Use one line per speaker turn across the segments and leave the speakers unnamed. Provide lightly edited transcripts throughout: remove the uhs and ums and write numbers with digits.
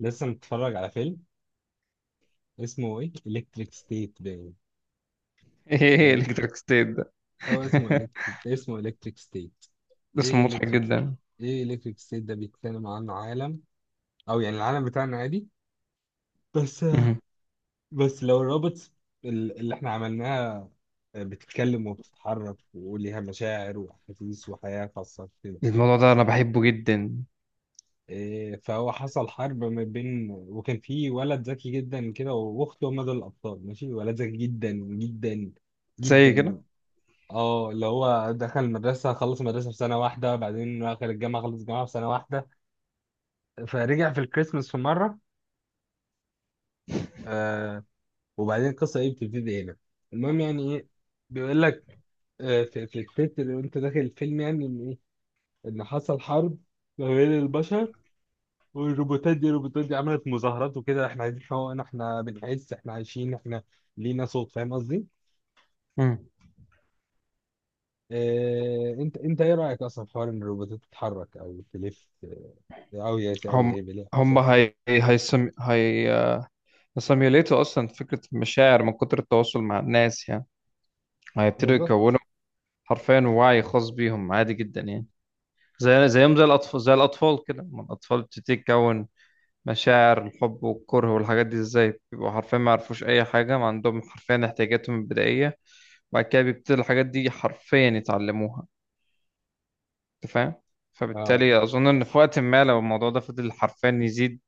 لسه متفرج على فيلم. اسمه ايه؟ الكتريك ستيت باين.
ايه
آه،
الكتريك ستيت ده.
او اسمه الكتريك اسمه الكتريك ستيت.
اسم
ايه
مضحك
الكتريك
جدا.
ايه الكتريك ستيت ده بيتكلم عن عالم، او يعني العالم بتاعنا عادي، بس.
مهم.
لو الروبوتس اللي احنا عملناها، بتتكلم وبتتحرك وليها مشاعر واحاسيس وحياة خاصة كده.
الموضوع ده انا بحبه جدا،
فهو حصل حرب ما بين، وكان في ولد ذكي جدا كده واخته، هما دول الابطال. ماشي، ولد ذكي جدا جدا
زي
جدا،
كده.
اه اللي هو دخل المدرسة، خلص المدرسة في سنة واحدة، بعدين دخل الجامعة خلص الجامعة في سنة واحدة. فرجع في الكريسماس في مرة. آه وبعدين القصة ايه؟ بتبتدي هنا المهم. يعني ايه؟ بيقول لك آه في التتر وانت داخل الفيلم يعني ان ايه؟ ان حصل حرب ما بين البشر والروبوتات. دي الروبوتات دي عملت مظاهرات وكده، احنا عايزين حقوقنا، احنا بنعز، احنا عايشين، احنا لينا صوت. فاهم قصدي؟
مم.
آه، انت ايه رأيك اصلا في حوار ان الروبوتات تتحرك او تلف أوي؟ أوي
هم
هيبقى ليها
هم
إحساس،
هي هيسم هي هيسيميوليتوا اصلا فكره المشاعر من كتر التواصل مع الناس يعني، هيبتدوا
بالظبط.
يكونوا حرفيا وعي خاص بيهم، عادي جدا يعني. زي زي الاطفال كده، ما الاطفال بتبتدي تكون مشاعر الحب والكره والحاجات دي ازاي؟ بيبقوا حرفيا ما يعرفوش اي حاجه، ما عندهم حرفيا احتياجاتهم البدائيه. بعد كده بيبتدي الحاجات دي حرفيا يتعلموها، انت فاهم؟
اه
فبالتالي اظن ان في وقت ما لو الموضوع ده فضل حرفيا يزيد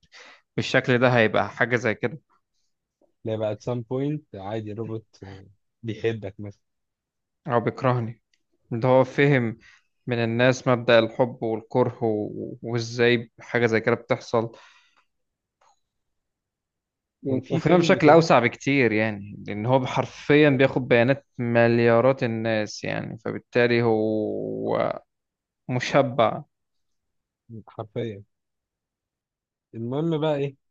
بالشكل ده، هيبقى حاجه زي كده.
لا، بقى at some point عادي الروبوت آه، بيحبك مثلا.
هو بيكرهني؟ ده هو فهم من الناس مبدأ الحب والكره، وازاي حاجه زي كده بتحصل،
كان
و-
في
وفهمها
فيلم
بشكل
كده
اوسع بكتير يعني، لان هو حرفيا بياخد بيانات مليارات الناس يعني، فبالتالي هو مشبع.
حرفيا. المهم بقى ايه؟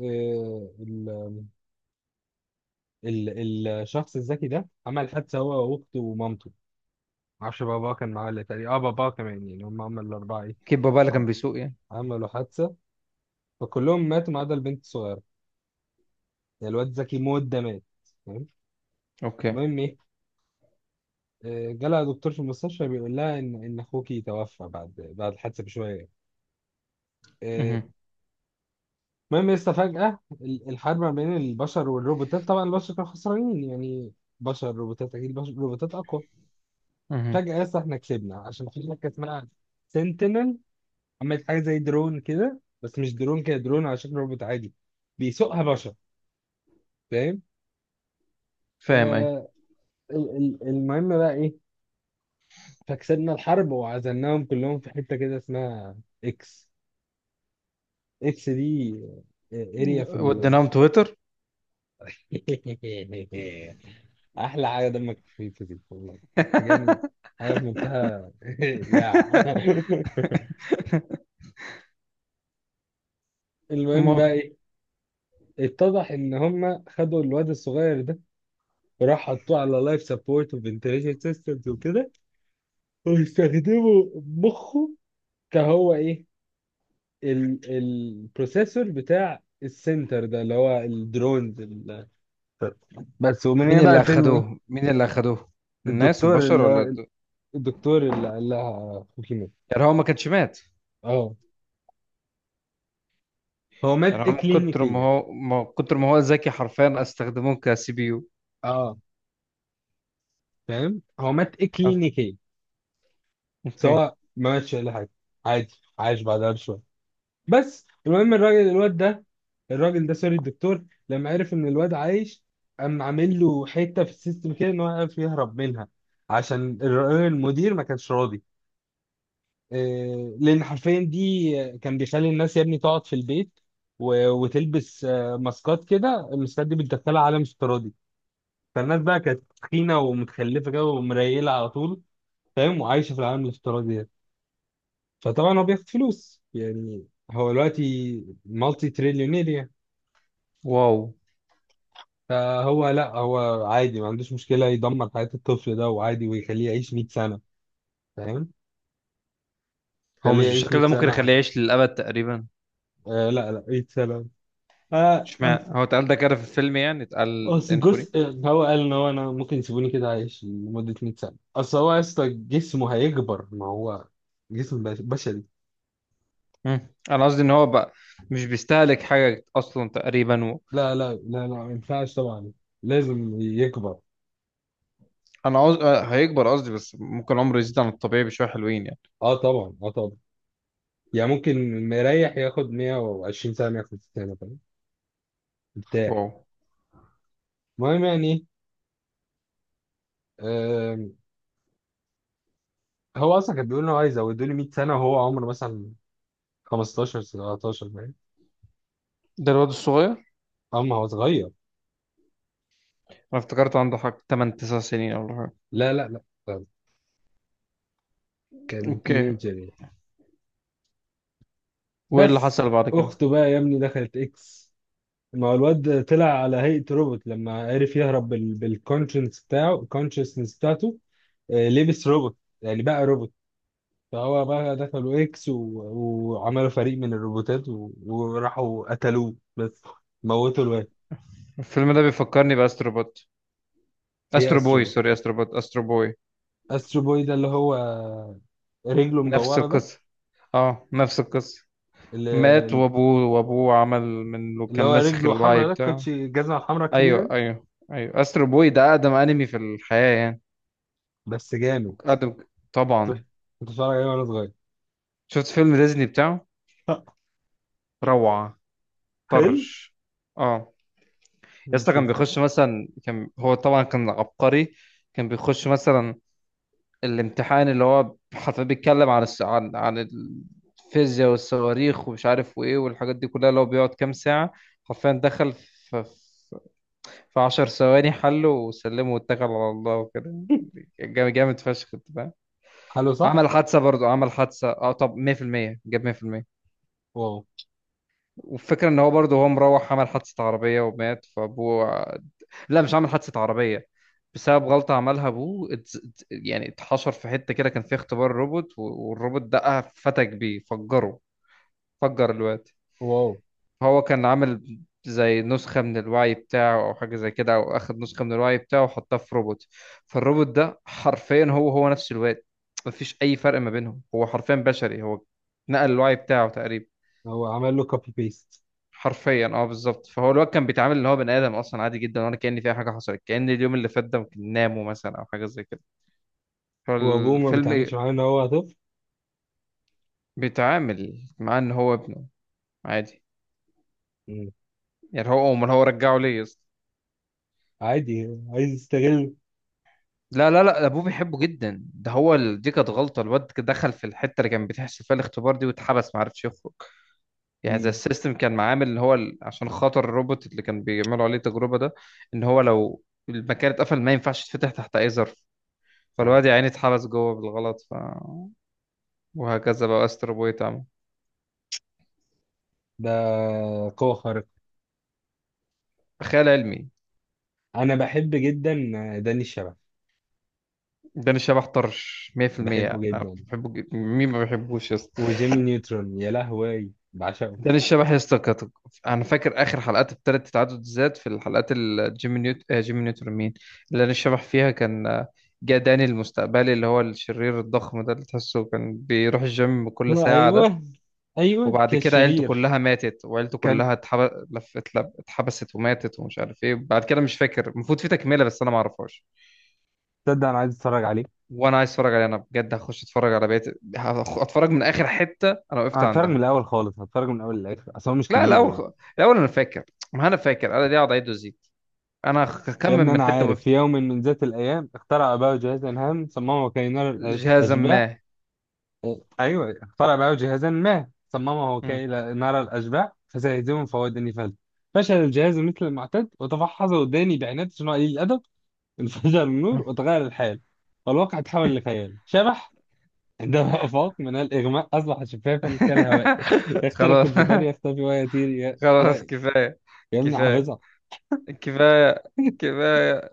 آه، ال الشخص الذكي ده عمل حادثة هو وأخته ومامته، معرفش باباه كان معاه ولا، تقريبا اه باباه كمان يعني، هم عملوا الأربعة ايه؟
كيب بابا اللي
عم-
كان بيسوق يعني.
عملوا حادثة فكلهم ماتوا ما عدا البنت الصغيرة. يعني الواد ذكي موت ده مات، فاهم.
اوكي.
المهم ايه؟ آه، جالها دكتور في المستشفى بيقول لها ان اخوكي توفى بعد الحادثه بشويه. آه،
مهم.
المهم لسه، فجأة الحرب ما بين البشر والروبوتات، طبعا البشر كانوا خسرانين يعني. بشر روبوتات، أكيد بشر روبوتات أقوى.
مهم.
فجأة لسه إحنا كسبنا عشان في حاجة اسمها سنتينل، عملت حاجة زي درون كده، بس مش درون كده، درون على شكل روبوت عادي بيسوقها بشر، فاهم.
فاهم اي.
آه، المهم بقى إيه؟ فكسبنا الحرب وعزلناهم كلهم في حتة كده اسمها إكس. إكس دي اريا في.
وديناهم تويتر.
احلى حاجه دمك خفيف دي والله. حاجه يعني، حاجه في منتهى يا المهم بقى
المهم،
ايه؟ اتضح ان هم خدوا الواد الصغير ده، وراح حطوه على لايف سبورت وفنتليشن سيستمز وكده، ويستخدموا مخه كهو ايه، ال البروسيسور بتاع السنتر ده اللي هو الدرونز بس. ومن
مين
هنا بقى
اللي
الفيلم ايه؟
اخدوه مين اللي اخدوه الناس
الدكتور
البشر ولا
اللي الدكتور اللي قال لها خوكي مات.
يعني هو ما كانش مات؟
اه، هو
يعني
مات
هو من كتر ما
اكلينيكيا.
هو ذكي حرفيا استخدموه كسي بي يو.
اه فاهم، هو مات اكلينيكيا
اوكي.
سواء ما ماتش ولا حاجه، عادي، عايش بعدها بشويه. بس المهم الراجل الواد ده، الراجل ده، سوري، الدكتور، لما عرف ان الواد عايش قام عامل له حته في السيستم كده ان هو يعرف يهرب منها، عشان المدير ما كانش راضي. إيه، لان حرفيا دي كان بيخلي الناس يا ابني تقعد في البيت وتلبس آه، ماسكات كده، الماسكات دي بتدخلها عالم افتراضي. فالناس بقى كانت تخينه ومتخلفه كده ومريله على طول، فاهم، وعايشه في العالم الافتراضي ده. فطبعا هو بياخد فلوس يعني، هو دلوقتي مالتي تريليونير يعني.
واو.
فهو لا، هو عادي ما عندوش مشكله يدمر حياه الطفل ده وعادي ويخليه يعيش 100 سنه، فاهم،
هو
خليه
مش
يعيش
بالشكل
100
ده ممكن
سنه
يخليه
عادي.
يعيش للابد تقريبا؟
آه لا لا، 100 سنه. آه
اشمعنى
أصل،
هو اتقال ده كده في الفيلم يعني، اتقال
أصل
انفوري.
جزء، هو قال إن هو، أنا ممكن يسيبوني كده عايش لمدة 100 سنة، أصل هو يا اسطى جسمه هيكبر ما هو جسم بشري.
مم. انا قصدي ان هو بقى مش بيستهلك حاجه اصلا تقريبا و...
لا لا لا لا، ما ينفعش طبعا، لازم يكبر.
انا قصدي هيكبر قصدي، بس ممكن عمره يزيد عن الطبيعي بشويه حلوين يعني.
اه طبعا اه طبعا، يعني ممكن مريح ياخد 120 سنه 150 سنه، فاهم، مرتاح.
واو.
المهم يعني آم، هو اصلا كان بيقول انه عايز يزودوا لي 100 سنه، وهو عمره مثلا 15 17، فاهم،
ده الواد الصغير؟
اما هو صغير.
انا افتكرت عنده حق 8 9 سنين ولا حاجه.
لا لا لا لا، كان
اوكي.
تينيجر يعني.
وايه اللي
بس
حصل بعد كده؟
اخته بقى يا ابني دخلت اكس، ما هو الواد طلع على هيئه روبوت لما عرف يهرب بالكونشنس بتاعه، الكونشنس بتاعته، آه، لبس روبوت يعني بقى روبوت. فهو بقى دخلوا اكس وعملوا فريق من الروبوتات وراحوا قتلوه بس، موتوا الواد.
الفيلم ده بيفكرني باسترو بوت.
ايه
استرو
استرو
بوي
بوي؟
سوري، استرو بوت، استرو بوي.
استرو بوي ده اللي هو رجله
نفس
مدورة ده؟
القصه. اه نفس القصه. مات،
اللي,
وابوه عمل من
اللي
كان
هو
ناسخ
رجله
الوعي
حمرا ده
بتاعه.
كوتشي الجزمة الحمرا الكبيرة
ايوه
دي.
ايوه ايوه، استرو بوي ده اقدم انمي في الحياه يعني.
بس جامد،
اقدم،
كنت
طبعا.
كنت بتفرج عليه وانا صغير.
شفت فيلم ديزني بتاعه؟ روعه.
حلو
طرش. اه. يا اسطى كان
نشوف.
بيخش مثلا، كان هو طبعا كان عبقري. كان بيخش مثلا الامتحان اللي هو حرفيا بيتكلم عن عن الفيزياء والصواريخ ومش عارف وايه والحاجات دي كلها، اللي هو بيقعد كام ساعة، حرفيا دخل في 10 ثواني حله وسلمه واتكل على الله وكده. جامد جامد فشخ، انت فاهم.
حلو صح.
عمل حادثة برضه، عمل حادثة اه. طب 100% جاب 100%.
واو.
والفكرة ان هو برضه هو مروح عمل حادثة عربية ومات فابوه. لا مش عامل حادثة عربية، بسبب غلطة عملها أبوه. يعني اتحشر في حتة كده كان فيها اختبار روبوت، والروبوت دقها، فتك بيه، فجره. فجر الواد.
واو،
هو كان عامل زي نسخة من الوعي بتاعه أو حاجة زي كده، أو أخد نسخة من الوعي بتاعه وحطها في روبوت. فالروبوت ده حرفيا هو نفس الواد، مفيش أي فرق ما بينهم. هو حرفيا بشري، هو نقل الوعي بتاعه تقريبا.
هو عمل له كوبي بيست.
حرفيا اه، بالظبط. فهو الواد كان بيتعامل اللي هو بني ادم اصلا عادي جدا، وانا كأن في أي حاجه حصلت، كأن اليوم اللي فات ده ممكن ناموا مثلا او حاجه زي كده.
وابوه ما بيتعاملش
فالفيلم
معاه ان هو طفل.
بيتعامل مع ان هو ابنه عادي.
مم.
يعني هو امال هو رجعه ليه يا اسطى؟
عادي عايز يستغل.
لا لا لا، ابوه بيحبه جدا. ده هو دي كانت غلطه، الواد دخل في الحته اللي كان بتحصل فيها الاختبار دي، واتحبس ما عرفش يخرج. يعني زي
مم.
السيستم كان معامل ان هو عشان خاطر الروبوت اللي كان بيعملوا عليه التجربه ده، ان هو لو المكان اتقفل ما ينفعش يتفتح تحت اي ظرف.
اه
فالواد يا عيني اتحبس جوه بالغلط ف... وهكذا بقى. استر بوي تعمل
ده قوة خارقة.
خيال علمي.
انا بحب جدا داني الشبح،
داني الشبح طرش،
بحبه
100%. انا
جدا.
بحبه جدا، مين ما بيحبوش يا اسطى.
وجيمي نيوترون يا لهوي بعشقه.
داني الشبح يا اسطى انا فاكر اخر حلقات التالت تعدد الذات، في الحلقات اللي جيمي نيوت آه جيمي نيوتن مين، اللي داني الشبح فيها كان، جه داني المستقبلي اللي هو الشرير الضخم ده، اللي تحسه كان بيروح الجيم كل ساعة ده.
ايوه ايوه،
وبعد
كان
كده عيلته
شرير.
كلها ماتت، وعيلته
كان،
كلها اتحبست وماتت ومش عارف ايه، بعد كده مش فاكر، المفروض في تكملة بس انا ما اعرفهاش.
تصدق انا عايز اتفرج عليه.
وانا عايز اتفرج عليها انا بجد، هخش اتفرج على بقية، اتفرج من اخر حتة انا وقفت
هتفرج من
عندها.
الاول خالص، هتفرج من الاول للاخر، اصل هو مش
لا
كبير يعني.
الاول، الاول انا فاكر، ما انا فاكر انا ليه اقعد اعيد وازيد، انا
يا
هكمل
ابني
من
انا
حتة ما
عارف،
وقفت.
في يوم من ذات الايام اخترع اباه جهازا هام، صممه كي نرى
جهازا ما.
الاشباح. إيه، ايوه، اخترع اباه جهازا ما صممه
مم.
كي نرى الاشباح فسيهزمهم فهو داني فلت. فشل الجهاز مثل المعتاد وتفحصه داني بعناد صناعي الادب. انفجر النور وتغير الحال، والواقع تحول لخيال شبح عندما أفاق من الإغماء، أصبح شفافا كالهواء، يخترق
خلاص.
الجدار يختفي ويطير،
خلاص
ي...
كفاية
يمنع
كفاية
حافظها
كفاية كفاية،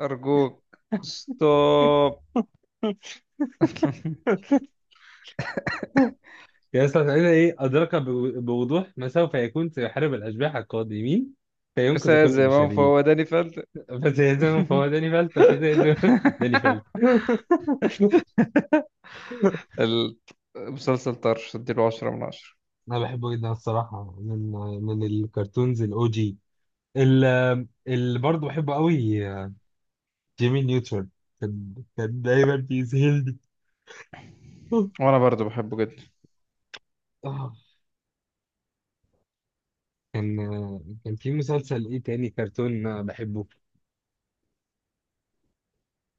أرجوك ستوب.
يستطيع إيه أدرك بوضوح ما سوف يكون، سيحارب الأشباح القادمين فينقذ
أستاذ
كل
زمام فهو
البشرية،
داني فلت.
فسيهزمهم فهو داني فلت، فسيهزم داني فلت
المسلسل طرش، اديله 10/10.
أنا بحبه جدا الصراحة. من الكرتونز الأو جي، اللي برضه بحبه قوي، جيمي نيوترون. كان دايما بيذهلني.
وأنا برضو بحبه جدا.
آه. كان كان في مسلسل ايه تاني كرتون بحبه